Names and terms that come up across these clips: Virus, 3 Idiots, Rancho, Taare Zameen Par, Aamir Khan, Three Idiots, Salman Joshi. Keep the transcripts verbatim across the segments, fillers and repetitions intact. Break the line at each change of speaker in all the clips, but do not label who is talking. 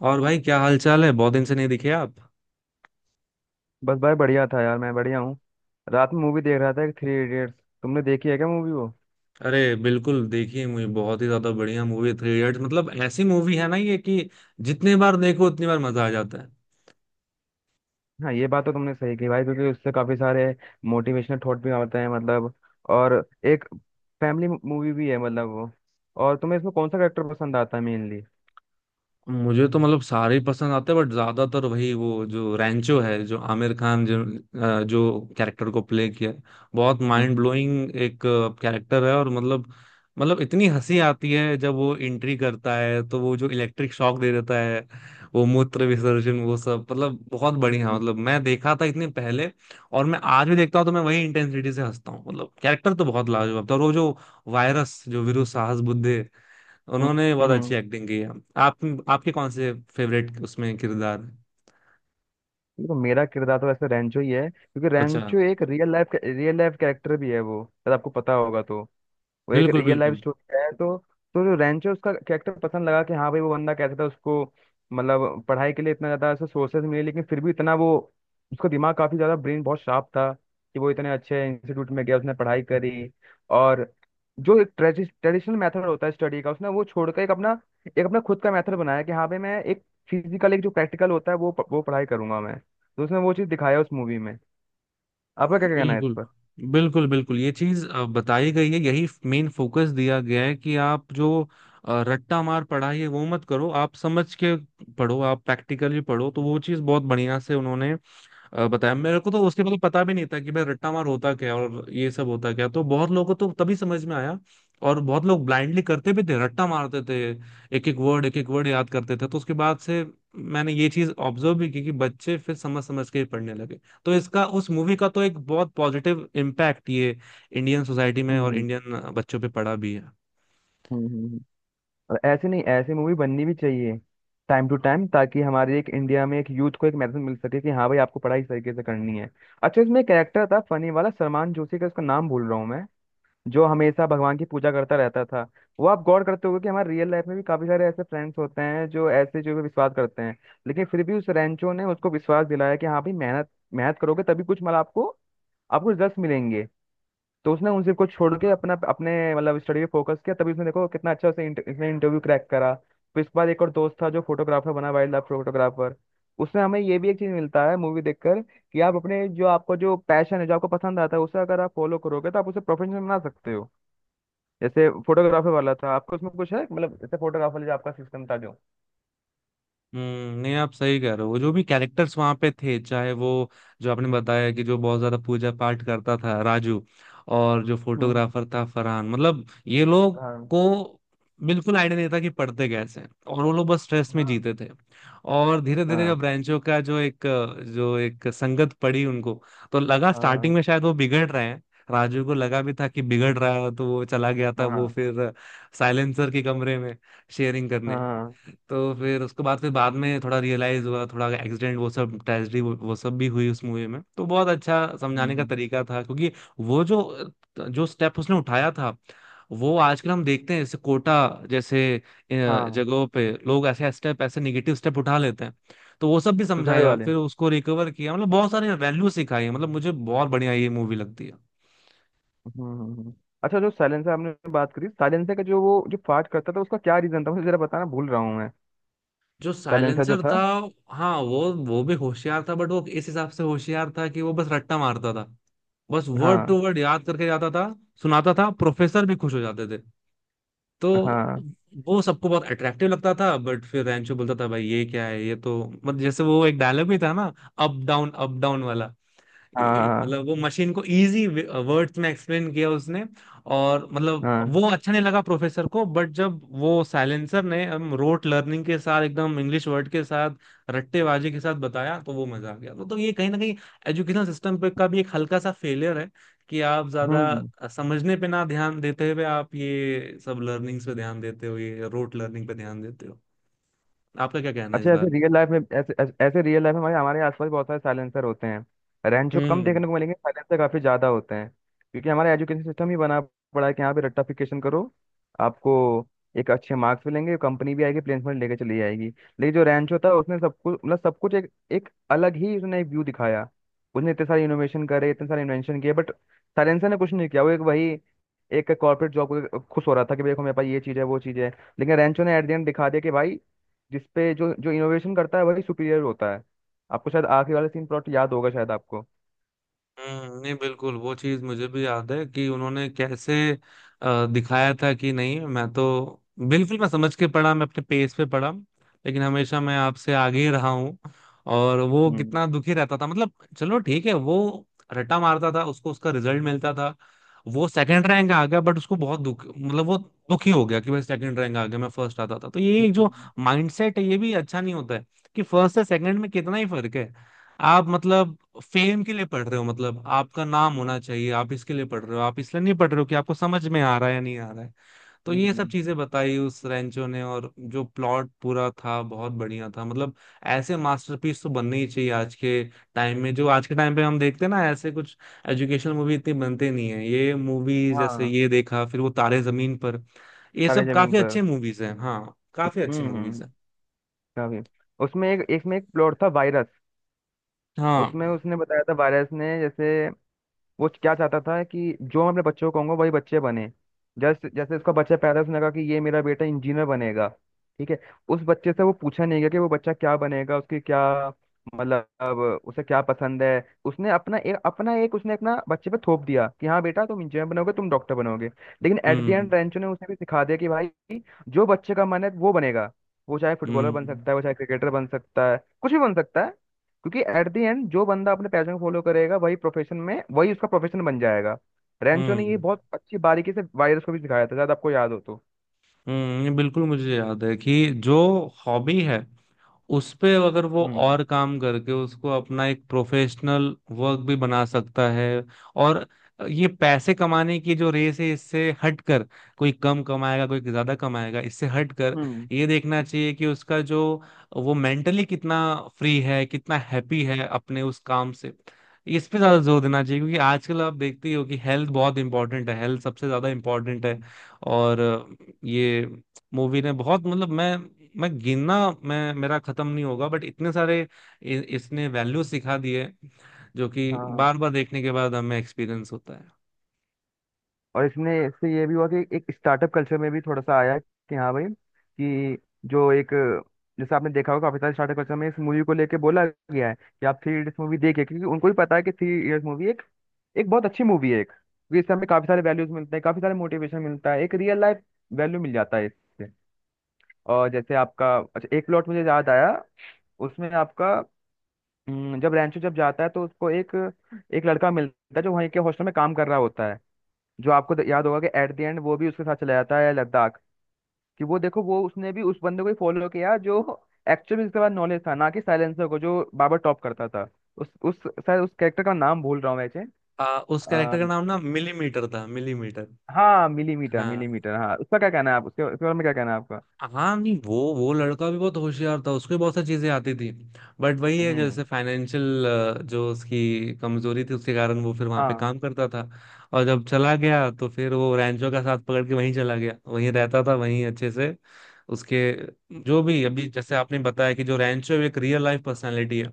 और भाई, क्या हाल चाल है? बहुत दिन से नहीं दिखे आप।
बस भाई बढ़िया था यार। मैं बढ़िया हूँ। रात में मूवी देख रहा था एक थ्री इडियट्स। तुमने देखी है क्या मूवी वो?
अरे बिल्कुल, देखिए, मुझे बहुत ही ज्यादा बढ़िया मूवी थ्री इडियट्स, मतलब ऐसी मूवी है ना ये कि जितने बार देखो उतनी बार मजा आ जाता है।
हाँ, ये बात तो तुमने सही की भाई, क्योंकि उससे काफी सारे मोटिवेशनल थॉट भी आते हैं मतलब। और एक फैमिली मूवी भी है मतलब वो। और तुम्हें इसमें कौन सा कैरेक्टर पसंद आता है मेनली?
मुझे तो मतलब सारे ही पसंद आते हैं, बट ज्यादातर वही, वो जो रैंचो है, जो आमिर खान, जो अ, जो कैरेक्टर को प्ले किया है, बहुत माइंड
हम्म
ब्लोइंग एक कैरेक्टर है। और मतलब मतलब इतनी हंसी आती है जब वो एंट्री करता है तो वो जो इलेक्ट्रिक शॉक दे देता है, वो मूत्र विसर्जन, वो सब, मतलब बहुत
हम्म
बढ़िया।
हम्म,
मतलब मैं देखा था इतने पहले और मैं आज भी देखता हूँ तो मैं वही इंटेंसिटी से हंसता हूँ। मतलब कैरेक्टर तो बहुत लाजवाब था। और वो जो वायरस, जो वीरू साहस बुद्धे, उन्होंने बहुत
हम्म,
अच्छी
हम्म।
एक्टिंग की है। आप आपके कौन से फेवरेट उसमें किरदार हैं?
देखो, मेरा किरदार तो वैसे रेंचो ही है क्योंकि
अच्छा,
रेंचो एक real life real life character भी है वो, शायद आपको पता होगा। तो वो एक
बिल्कुल।
रियल लाइफ
बिल्कुल
स्टोरी है तो। तो जो रेंचो, उसका कैरेक्टर पसंद लगा कि हाँ भाई वो बंदा कैसा था उसको, मतलब पढ़ाई के लिए इतना ज़्यादा ऐसे सोर्सेज मिले लेकिन फिर भी इतना वो, उसका दिमाग काफ़ी ज़्यादा, ब्रेन बहुत शार्प था कि वो इतने अच्छे इंस्टीट्यूट में गया, उसने पढ़ाई करी। और जो एक ट्रेडिशनल मेथड होता है स्टडी का उसने वो छोड़कर एक अपना, एक अपना खुद का मेथड बनाया कि हाँ भाई मैं एक फिजिकल एक जो प्रैक्टिकल होता है वो वो पढ़ाई करूंगा मैं। तो उसने वो चीज़ दिखाया उस मूवी में। आपका क्या कहना है इस
बिल्कुल।
पर?
बिल्कुल बिल्कुल ये चीज अ, बताई गई है। यही मेन फोकस दिया गया है कि आप जो अ, रट्टा मार पढ़ाई है वो मत करो, आप समझ के पढ़ो, आप प्रैक्टिकली पढ़ो, तो वो चीज बहुत बढ़िया से उन्होंने अ, बताया। मेरे को तो उसके मतलब पता भी नहीं था कि भाई रट्टा मार होता क्या और ये सब होता क्या, तो बहुत लोगों को तो तभी समझ में आया। और बहुत लोग ब्लाइंडली करते भी थे, रट्टा मारते थे, एक एक वर्ड एक एक वर्ड याद करते थे। तो उसके बाद से मैंने ये चीज ऑब्जर्व भी की कि बच्चे फिर समझ समझ के ही पढ़ने लगे, तो इसका, उस मूवी का तो एक बहुत पॉजिटिव इम्पैक्ट ये इंडियन सोसाइटी में और
हम्म
इंडियन बच्चों पे पड़ा भी है।
हम्म हम्म, हम्म। और ऐसे नहीं, ऐसे मूवी बननी भी चाहिए टाइम टू टाइम, ताकि हमारे एक इंडिया में एक यूथ को एक मैसेज मिल सके कि हाँ भाई, आपको पढ़ाई इस तरीके से करनी है। अच्छा, इसमें एक कैरेक्टर था फनी वाला, सलमान जोशी का, उसका नाम भूल रहा हूँ मैं, जो हमेशा भगवान की पूजा करता रहता था। वो आप गौर करते होगे कि हमारे रियल लाइफ में भी काफी सारे ऐसे फ्रेंड्स होते हैं जो ऐसे जो भी विश्वास करते हैं। लेकिन फिर भी उस रेंचो ने उसको विश्वास दिलाया कि हाँ भाई, मेहनत मेहनत करोगे तभी कुछ मतलब आपको, आपको रिजल्ट मिलेंगे। तो उसने उन सबको छोड़ के अपना, अपने मतलब स्टडी पे फोकस किया, तभी उसने, देखो कितना अच्छा उसे, इंट- इसने इंटरव्यू क्रैक करा। फिर इसके बाद एक और दोस्त था जो फोटोग्राफर बना, वाइल्ड लाइफ फोटोग्राफर। उससे हमें ये भी एक चीज मिलता है मूवी देखकर कि आप अपने जो, आपको जो पैशन है, जो आपको पसंद आता है, उसे अगर आप फॉलो करोगे तो आप उसे प्रोफेशन बना सकते हो। जैसे फोटोग्राफर वाला था, आपको उसमें कुछ है मतलब, जैसे फोटोग्राफर जो आपका सिस्टम था जो।
हम्म, नहीं, आप सही कह रहे हो। जो भी कैरेक्टर्स वहां पे थे, चाहे वो, जो आपने बताया कि जो बहुत ज्यादा पूजा पाठ करता था राजू, और जो
हम्म,
फोटोग्राफर
हम्म,
था फरहान, मतलब ये लोग
हाँ।
को बिल्कुल आइडिया नहीं था कि पढ़ते कैसे हैं, और वो लोग बस स्ट्रेस में
हाँ,
जीते थे। और धीरे धीरे जब
हाँ।
ब्रांचों का जो एक जो एक संगत पड़ी उनको, तो लगा स्टार्टिंग
हाँ,
में शायद वो बिगड़ रहे हैं। राजू को लगा भी था कि बिगड़ रहा है, तो वो चला गया था, वो
हाँ,
फिर साइलेंसर के कमरे में शेयरिंग करने।
हाँ,
तो फिर उसके बाद, फिर बाद में थोड़ा रियलाइज हुआ, थोड़ा एक्सीडेंट वो सब, ट्रेजेडी वो, वो सब भी हुई उस मूवी में। तो बहुत अच्छा समझाने का
हम्म,
तरीका था क्योंकि वो जो जो स्टेप उसने उठाया था, वो आजकल हम देखते हैं, जैसे कोटा जैसे अ,
हाँ।
जगहों पे लोग ऐसे स्टेप, ऐसे निगेटिव स्टेप उठा लेते हैं। तो वो सब भी
सुसाइड
समझाया,
वाले।
फिर उसको रिकवर किया, मतलब बहुत सारे वैल्यू सिखाई। मतलब मुझे बहुत बढ़िया ये मूवी लगती है।
हम्म हम्म, हम्म। अच्छा, जो साइलेंसर आपने बात करी, साइलेंसर का जो वो जो फाट करता था उसका क्या रीजन था? मुझे जरा बताना, भूल रहा हूँ मैं।
जो
साइलेंसर जो
साइलेंसर
था।
था, हाँ, वो वो भी होशियार था, बट वो इस हिसाब से होशियार था कि वो बस रट्टा मारता था, बस वर्ड टू
हाँ,
वर्ड याद करके जाता था, सुनाता था, प्रोफेसर भी खुश हो जाते थे। तो
हाँ,
वो सबको बहुत अट्रैक्टिव लगता था, बट फिर रैंचो बोलता था, भाई ये क्या है? ये तो, मतलब जैसे वो एक डायलॉग भी था ना, अप डाउन अप डाउन वाला।
हाँ,
ए-
हाँ,
मतलब वो मशीन को इजी वर्ड्स में एक्सप्लेन किया उसने, और मतलब वो
हाँ।
अच्छा नहीं लगा प्रोफेसर को। बट जब वो साइलेंसर ने, हम, रोट लर्निंग के साथ, एकदम इंग्लिश वर्ड के साथ, रट्टेबाजी के साथ बताया, तो वो मजा आ गया। तो, तो ये कहीं ना कहीं एजुकेशन सिस्टम पे का भी एक हल्का सा फेलियर है, कि आप ज्यादा
हम्म।
समझने पे ना ध्यान देते हुए आप ये सब लर्निंग्स पे ध्यान देते हो, ये रोट लर्निंग पे ध्यान देते हो। आपका क्या कहना है इस
अच्छा, ऐसे
बारे में?
रियल लाइफ में, ऐसे ऐसे ऐसे रियल लाइफ में हमारे, हमारे आसपास बहुत सारे साइलेंसर होते हैं। रैंचो कम
हम्म
देखने को मिलेंगे, साइलेंसर काफी ज्यादा होते हैं। क्योंकि हमारा एजुकेशन सिस्टम ही बना पड़ा है कि यहाँ पे रट्टाफिकेशन करो, आपको एक अच्छे मार्क्स मिलेंगे, कंपनी भी आएगी प्लेसमेंट लेके चली जाएगी। लेकिन जो रैंचो था, उसने सब कुछ, मतलब सब कुछ एक एक अलग ही उसने एक व्यू दिखाया। उसने इतने सारे इनोवेशन करे, इतने सारे इन्वेंशन किए, बट साइलेंसर ने कुछ नहीं किया, वो एक वही एक कॉर्पोरेट जॉब को खुश हो रहा था कि देखो मेरे पास ये चीज़ है, वो चीज़ है। लेकिन रैंचो ने एट द एंड दिखा दिया कि भाई, जिसपे जो जो इनोवेशन करता है वही सुपीरियर होता है। आपको शायद आखिरी वाला सीन, प्लॉट याद होगा शायद आपको?
हम्म, नहीं बिल्कुल, वो चीज मुझे भी याद है कि उन्होंने कैसे अ, दिखाया था कि नहीं, मैं तो बिल्कुल, मैं समझ के पढ़ा, मैं अपने पेस पे पढ़ा, लेकिन हमेशा मैं आपसे आगे ही रहा हूँ। और वो
हम्म
कितना दुखी रहता था, मतलब। चलो ठीक है, वो रट्टा मारता था, उसको उसका रिजल्ट मिलता था। वो सेकंड रैंक आ गया, बट उसको बहुत दुख, मतलब वो दुखी हो गया कि भाई सेकंड रैंक आ गया, मैं फर्स्ट आता था। तो ये एक जो
हम्म,
माइंडसेट है, ये भी अच्छा नहीं होता है, कि फर्स्ट से सेकंड में कितना ही फर्क है। आप मतलब फेम के लिए पढ़ रहे हो, मतलब आपका नाम होना चाहिए, आप इसके लिए पढ़ रहे हो, आप इसलिए नहीं पढ़ रहे हो कि आपको समझ में आ रहा है या नहीं आ रहा है। तो ये सब
हम्म,
चीजें बताई उस रेंचो ने, और जो प्लॉट पूरा था बहुत बढ़िया था, मतलब ऐसे मास्टरपीस तो बनने ही चाहिए आज के टाइम में। जो आज के टाइम पे हम देखते हैं ना, ऐसे कुछ एजुकेशनल मूवी इतनी बनते नहीं है, ये मूवी जैसे,
हाँ।
ये देखा फिर वो तारे जमीन पर, ये
सारे
सब
जमीन
काफी
पर।
अच्छे मूवीज हैं। हाँ काफी अच्छी
हम्म हम्म
मूवीज हैं।
काफी। उसमें एक, इसमें एक प्लॉट था वायरस। उसमें
हाँ,
उसने बताया था, वायरस ने जैसे, वो क्या चाहता था कि जो मैं अपने बच्चों को कहूंगा वही बच्चे बने। जैसे, जैसे उसका बच्चा पैदा हुआ, उसने कहा कि ये मेरा बेटा इंजीनियर बनेगा। ठीक है, उस बच्चे से वो पूछा नहीं गया कि वो बच्चा क्या बनेगा, उसकी क्या, मतलब उसे क्या पसंद है। उसने अपना एक, अपना एक उसने अपना बच्चे पे थोप दिया कि हाँ बेटा तुम इंजीनियर बनोगे, तुम डॉक्टर बनोगे। लेकिन at the
hmm
end Rancho ने उसे भी सिखा दिया कि भाई, जो बच्चे का मन है वो बनेगा। वो चाहे फुटबॉलर बन
हम्म,
सकता है, वो चाहे क्रिकेटर बन सकता है, कुछ भी बन सकता है। क्योंकि एट द एंड जो बंदा अपने पैशन को फॉलो करेगा वही प्रोफेशन में, वही उसका प्रोफेशन बन जाएगा। रेंचो ने ये
हम्म
बहुत अच्छी बारीकी से वायरस को भी सिखाया था, शायद आपको याद हो तो।
हम्म, ये बिल्कुल मुझे याद है कि जो हॉबी है, उस पे अगर वो और
हम्म
काम करके, उसको अपना एक प्रोफेशनल वर्क भी बना सकता है। और ये पैसे कमाने की जो रेस है, इससे हटकर, कोई कम कमाएगा कोई ज्यादा कमाएगा, इससे हटकर
हम्म
ये देखना चाहिए कि उसका जो, वो मेंटली कितना फ्री है, कितना हैप्पी है अपने उस काम से। इस पे ज्यादा जोर देना चाहिए, क्योंकि आजकल आप देखते ही हो कि हेल्थ बहुत इंपॉर्टेंट है, हेल्थ सबसे ज्यादा इंपॉर्टेंट है। और ये मूवी ने बहुत, मतलब मैं मैं गिनना, मैं, मेरा खत्म नहीं होगा, बट इतने सारे इ, इसने वैल्यू सिखा दिए, जो कि
हाँ।
बार बार देखने के बाद हमें एक्सपीरियंस होता है।
और इसमें, इससे ये भी हुआ कि एक स्टार्टअप कल्चर में भी थोड़ा सा आया कि हाँ भाई कि जो एक, जैसे आपने देखा होगा काफी सारे स्टार्टअप कल्चर में इस मूवी को लेके बोला गया है कि आप थ्री इडियट्स मूवी देखिए, क्योंकि उनको भी पता है कि थ्री इडियट्स मूवी एक, एक बहुत अच्छी मूवी है एक, क्योंकि इससे हमें काफी सारे वैल्यूज मिलते हैं, काफी सारे मोटिवेशन मिलता है, एक रियल लाइफ वैल्यू मिल जाता है इससे। और जैसे आपका, अच्छा एक प्लॉट मुझे याद आया, उसमें आपका, हम्म, जब रैंचो जब जाता है तो उसको एक, एक लड़का मिलता है जो वहीं के हॉस्टल में काम कर रहा होता है, जो आपको द- याद होगा कि एट द एंड वो भी उसके साथ चला जाता है लद्दाख। कि वो देखो वो, उसने भी उस बंदे को ही फॉलो किया जो एक्चुअल में इसके पास नॉलेज था ना। कि साइलेंसर को जो बाबर टॉप करता था उस उस शायद उस कैरेक्टर का नाम भूल रहा हूँ वैसे।
आ, उस
आ,
कैरेक्टर का नाम ना मिलीमीटर था, मिलीमीटर।
हाँ मिलीमीटर,
हाँ
मिलीमीटर, हाँ। उसका क्या कहना है आप उसके, उसके बारे में क्या कहना है आपका?
हाँ, नहीं, वो वो लड़का भी बहुत होशियार था, उसको भी बहुत सारी चीजें आती थी। बट वही है,
हम्म,
जैसे फाइनेंशियल, जो उसकी कमजोरी थी, उसके कारण वो फिर वहां पे
हाँ।
काम करता था। और जब चला गया, तो फिर वो रैंचो का साथ पकड़ के वहीं चला गया, वहीं रहता था, वहीं अच्छे से उसके। जो भी अभी जैसे आपने बताया कि जो रैंचो एक रियल लाइफ पर्सनालिटी है,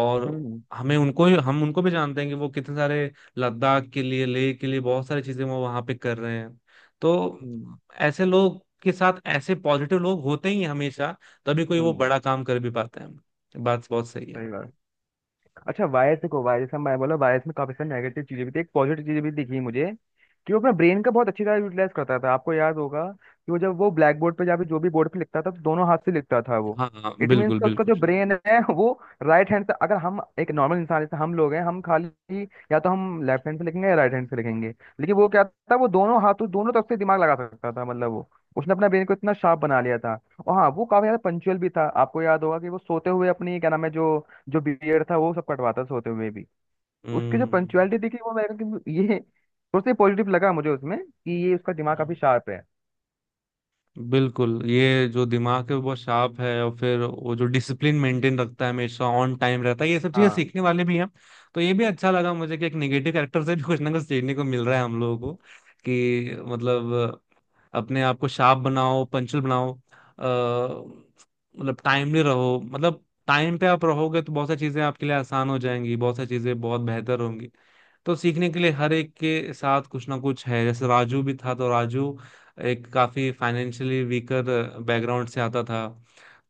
और
हम्म,
हमें उनको हम उनको भी जानते हैं कि वो कितने सारे लद्दाख के लिए, लेह के लिए बहुत सारी चीजें वो वहां पे कर रहे हैं। तो
हम्म,
ऐसे लोग के साथ, ऐसे पॉजिटिव लोग होते ही हैं हमेशा, तभी कोई वो
हम्म।
बड़ा काम कर भी पाते हैं। बात बहुत सही है।
सही बात। अच्छा वायरस, देखो वायरस, हम मैं बोला वायरस में काफी सारी नेगेटिव चीजें भी थी, एक पॉजिटिव चीजें भी दिखी मुझे। कि वो अपना ब्रेन का बहुत अच्छी तरह यूटिलाइज करता था। आपको याद होगा कि वो जब वो ब्लैक बोर्ड पे या फिर जो भी बोर्ड पे लिखता था तो दोनों हाथ से लिखता था वो।
हाँ हाँ,
इट मीन्स
बिल्कुल
का उसका
बिल्कुल।
जो ब्रेन है वो राइट हैंड से, अगर हम एक नॉर्मल इंसान जैसे हम लोग हैं हम खाली, या तो हम लेफ्ट हैंड से लिखेंगे या राइट हैंड से लिखेंगे। लेकिन वो क्या था, वो दोनों हाथों, दोनों तरफ से दिमाग लगा सकता था मतलब वो, उसने अपना ब्रेन को इतना शार्प बना लिया था। और हाँ, वो काफी ज्यादा पंचुअल भी था, आपको याद होगा कि वो सोते हुए अपनी क्या नाम है जो, जो बियर्ड था वो सब कटवाता था सोते हुए भी। उसकी जो
हम्म
पंचुअलिटी दिखी वो, मेरे को ये सोचते पॉजिटिव लगा मुझे उसमें कि ये उसका दिमाग काफी
हम्म।
शार्प है।
बिल्कुल, ये जो दिमाग है वो बहुत शार्प है, और फिर वो जो डिसिप्लिन मेंटेन रखता है, हमेशा ऑन टाइम रहता है, ये सब चीजें
हाँ।
सीखने वाले भी हैं। तो ये भी अच्छा लगा मुझे कि एक नेगेटिव कैरेक्टर से भी कुछ ना कुछ सीखने को मिल रहा है हम लोगों को, कि मतलब अपने आप को शार्प बनाओ, पंचुअल बनाओ, अ, मतलब टाइमली रहो, मतलब टाइम पे आप रहोगे तो बहुत सारी चीजें आपके लिए आसान हो जाएंगी, बहुत सारी चीजें बहुत बेहतर होंगी। तो सीखने के लिए हर एक के साथ कुछ ना कुछ है, जैसे राजू भी था। तो राजू एक काफी फाइनेंशियली वीकर बैकग्राउंड से आता था,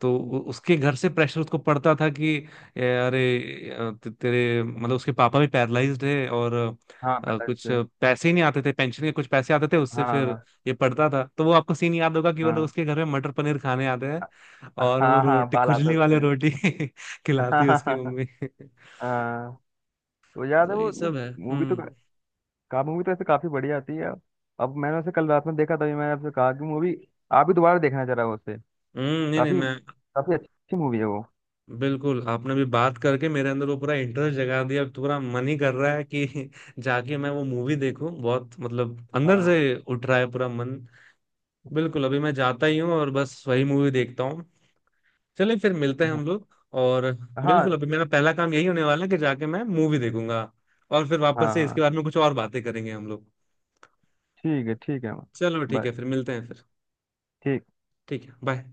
तो
हम्म,
उ- उसके घर से प्रेशर उसको पड़ता था कि ए, अरे, अ, ते- तेरे, मतलब उसके पापा भी पैरलाइज्ड है, और
हाँ,
अ,
पहले
कुछ
से।
पैसे ही नहीं आते थे, पेंशन के कुछ पैसे आते थे उससे, फिर
हाँ,
ये पढ़ता था। तो वो आपको सीन याद होगा कि वो लोग
हाँ।
उसके घर में मटर पनीर खाने आते हैं,
अ-
और वो
हाँ हाँ,
रोटी,
बाल आता है
खुजली वाले
उसमें।
रोटी खिलाती
हाँ,
है
हाँ,
उसकी
हाँ।
मम्मी।
हाँ। वो याद है
तो ये
वो
सब है।
मूवी तो,
हम्म,
का मूवी तो ऐसे काफी बढ़िया आती है। अब मैंने उसे कल रात में देखा, तभी मैंने आपसे कहा कि मूवी आप भी दोबारा देखना जरा उसे।
हम्म, नहीं नहीं,
काफी,
मैं
काफी अच्छी मूवी है वो।
बिल्कुल, आपने भी बात करके मेरे अंदर वो पूरा इंटरेस्ट जगा दिया, अब तो पूरा मन ही कर रहा है कि जाके मैं वो मूवी देखूं, बहुत मतलब अंदर
हाँ,
से उठ रहा है पूरा मन। बिल्कुल अभी मैं जाता ही हूँ और बस वही मूवी देखता हूँ। चलिए फिर मिलते हैं हम लोग। और बिल्कुल
हाँ,
अभी मेरा पहला काम यही होने वाला है कि जाके मैं मूवी देखूंगा, और फिर वापस
हाँ,
से इसके
हाँ।
बारे में कुछ और बातें करेंगे हम लोग।
ठीक है, ठीक है।
चलो ठीक
बाय।
है, फिर मिलते हैं फिर।
ठीक।
ठीक है, बाय।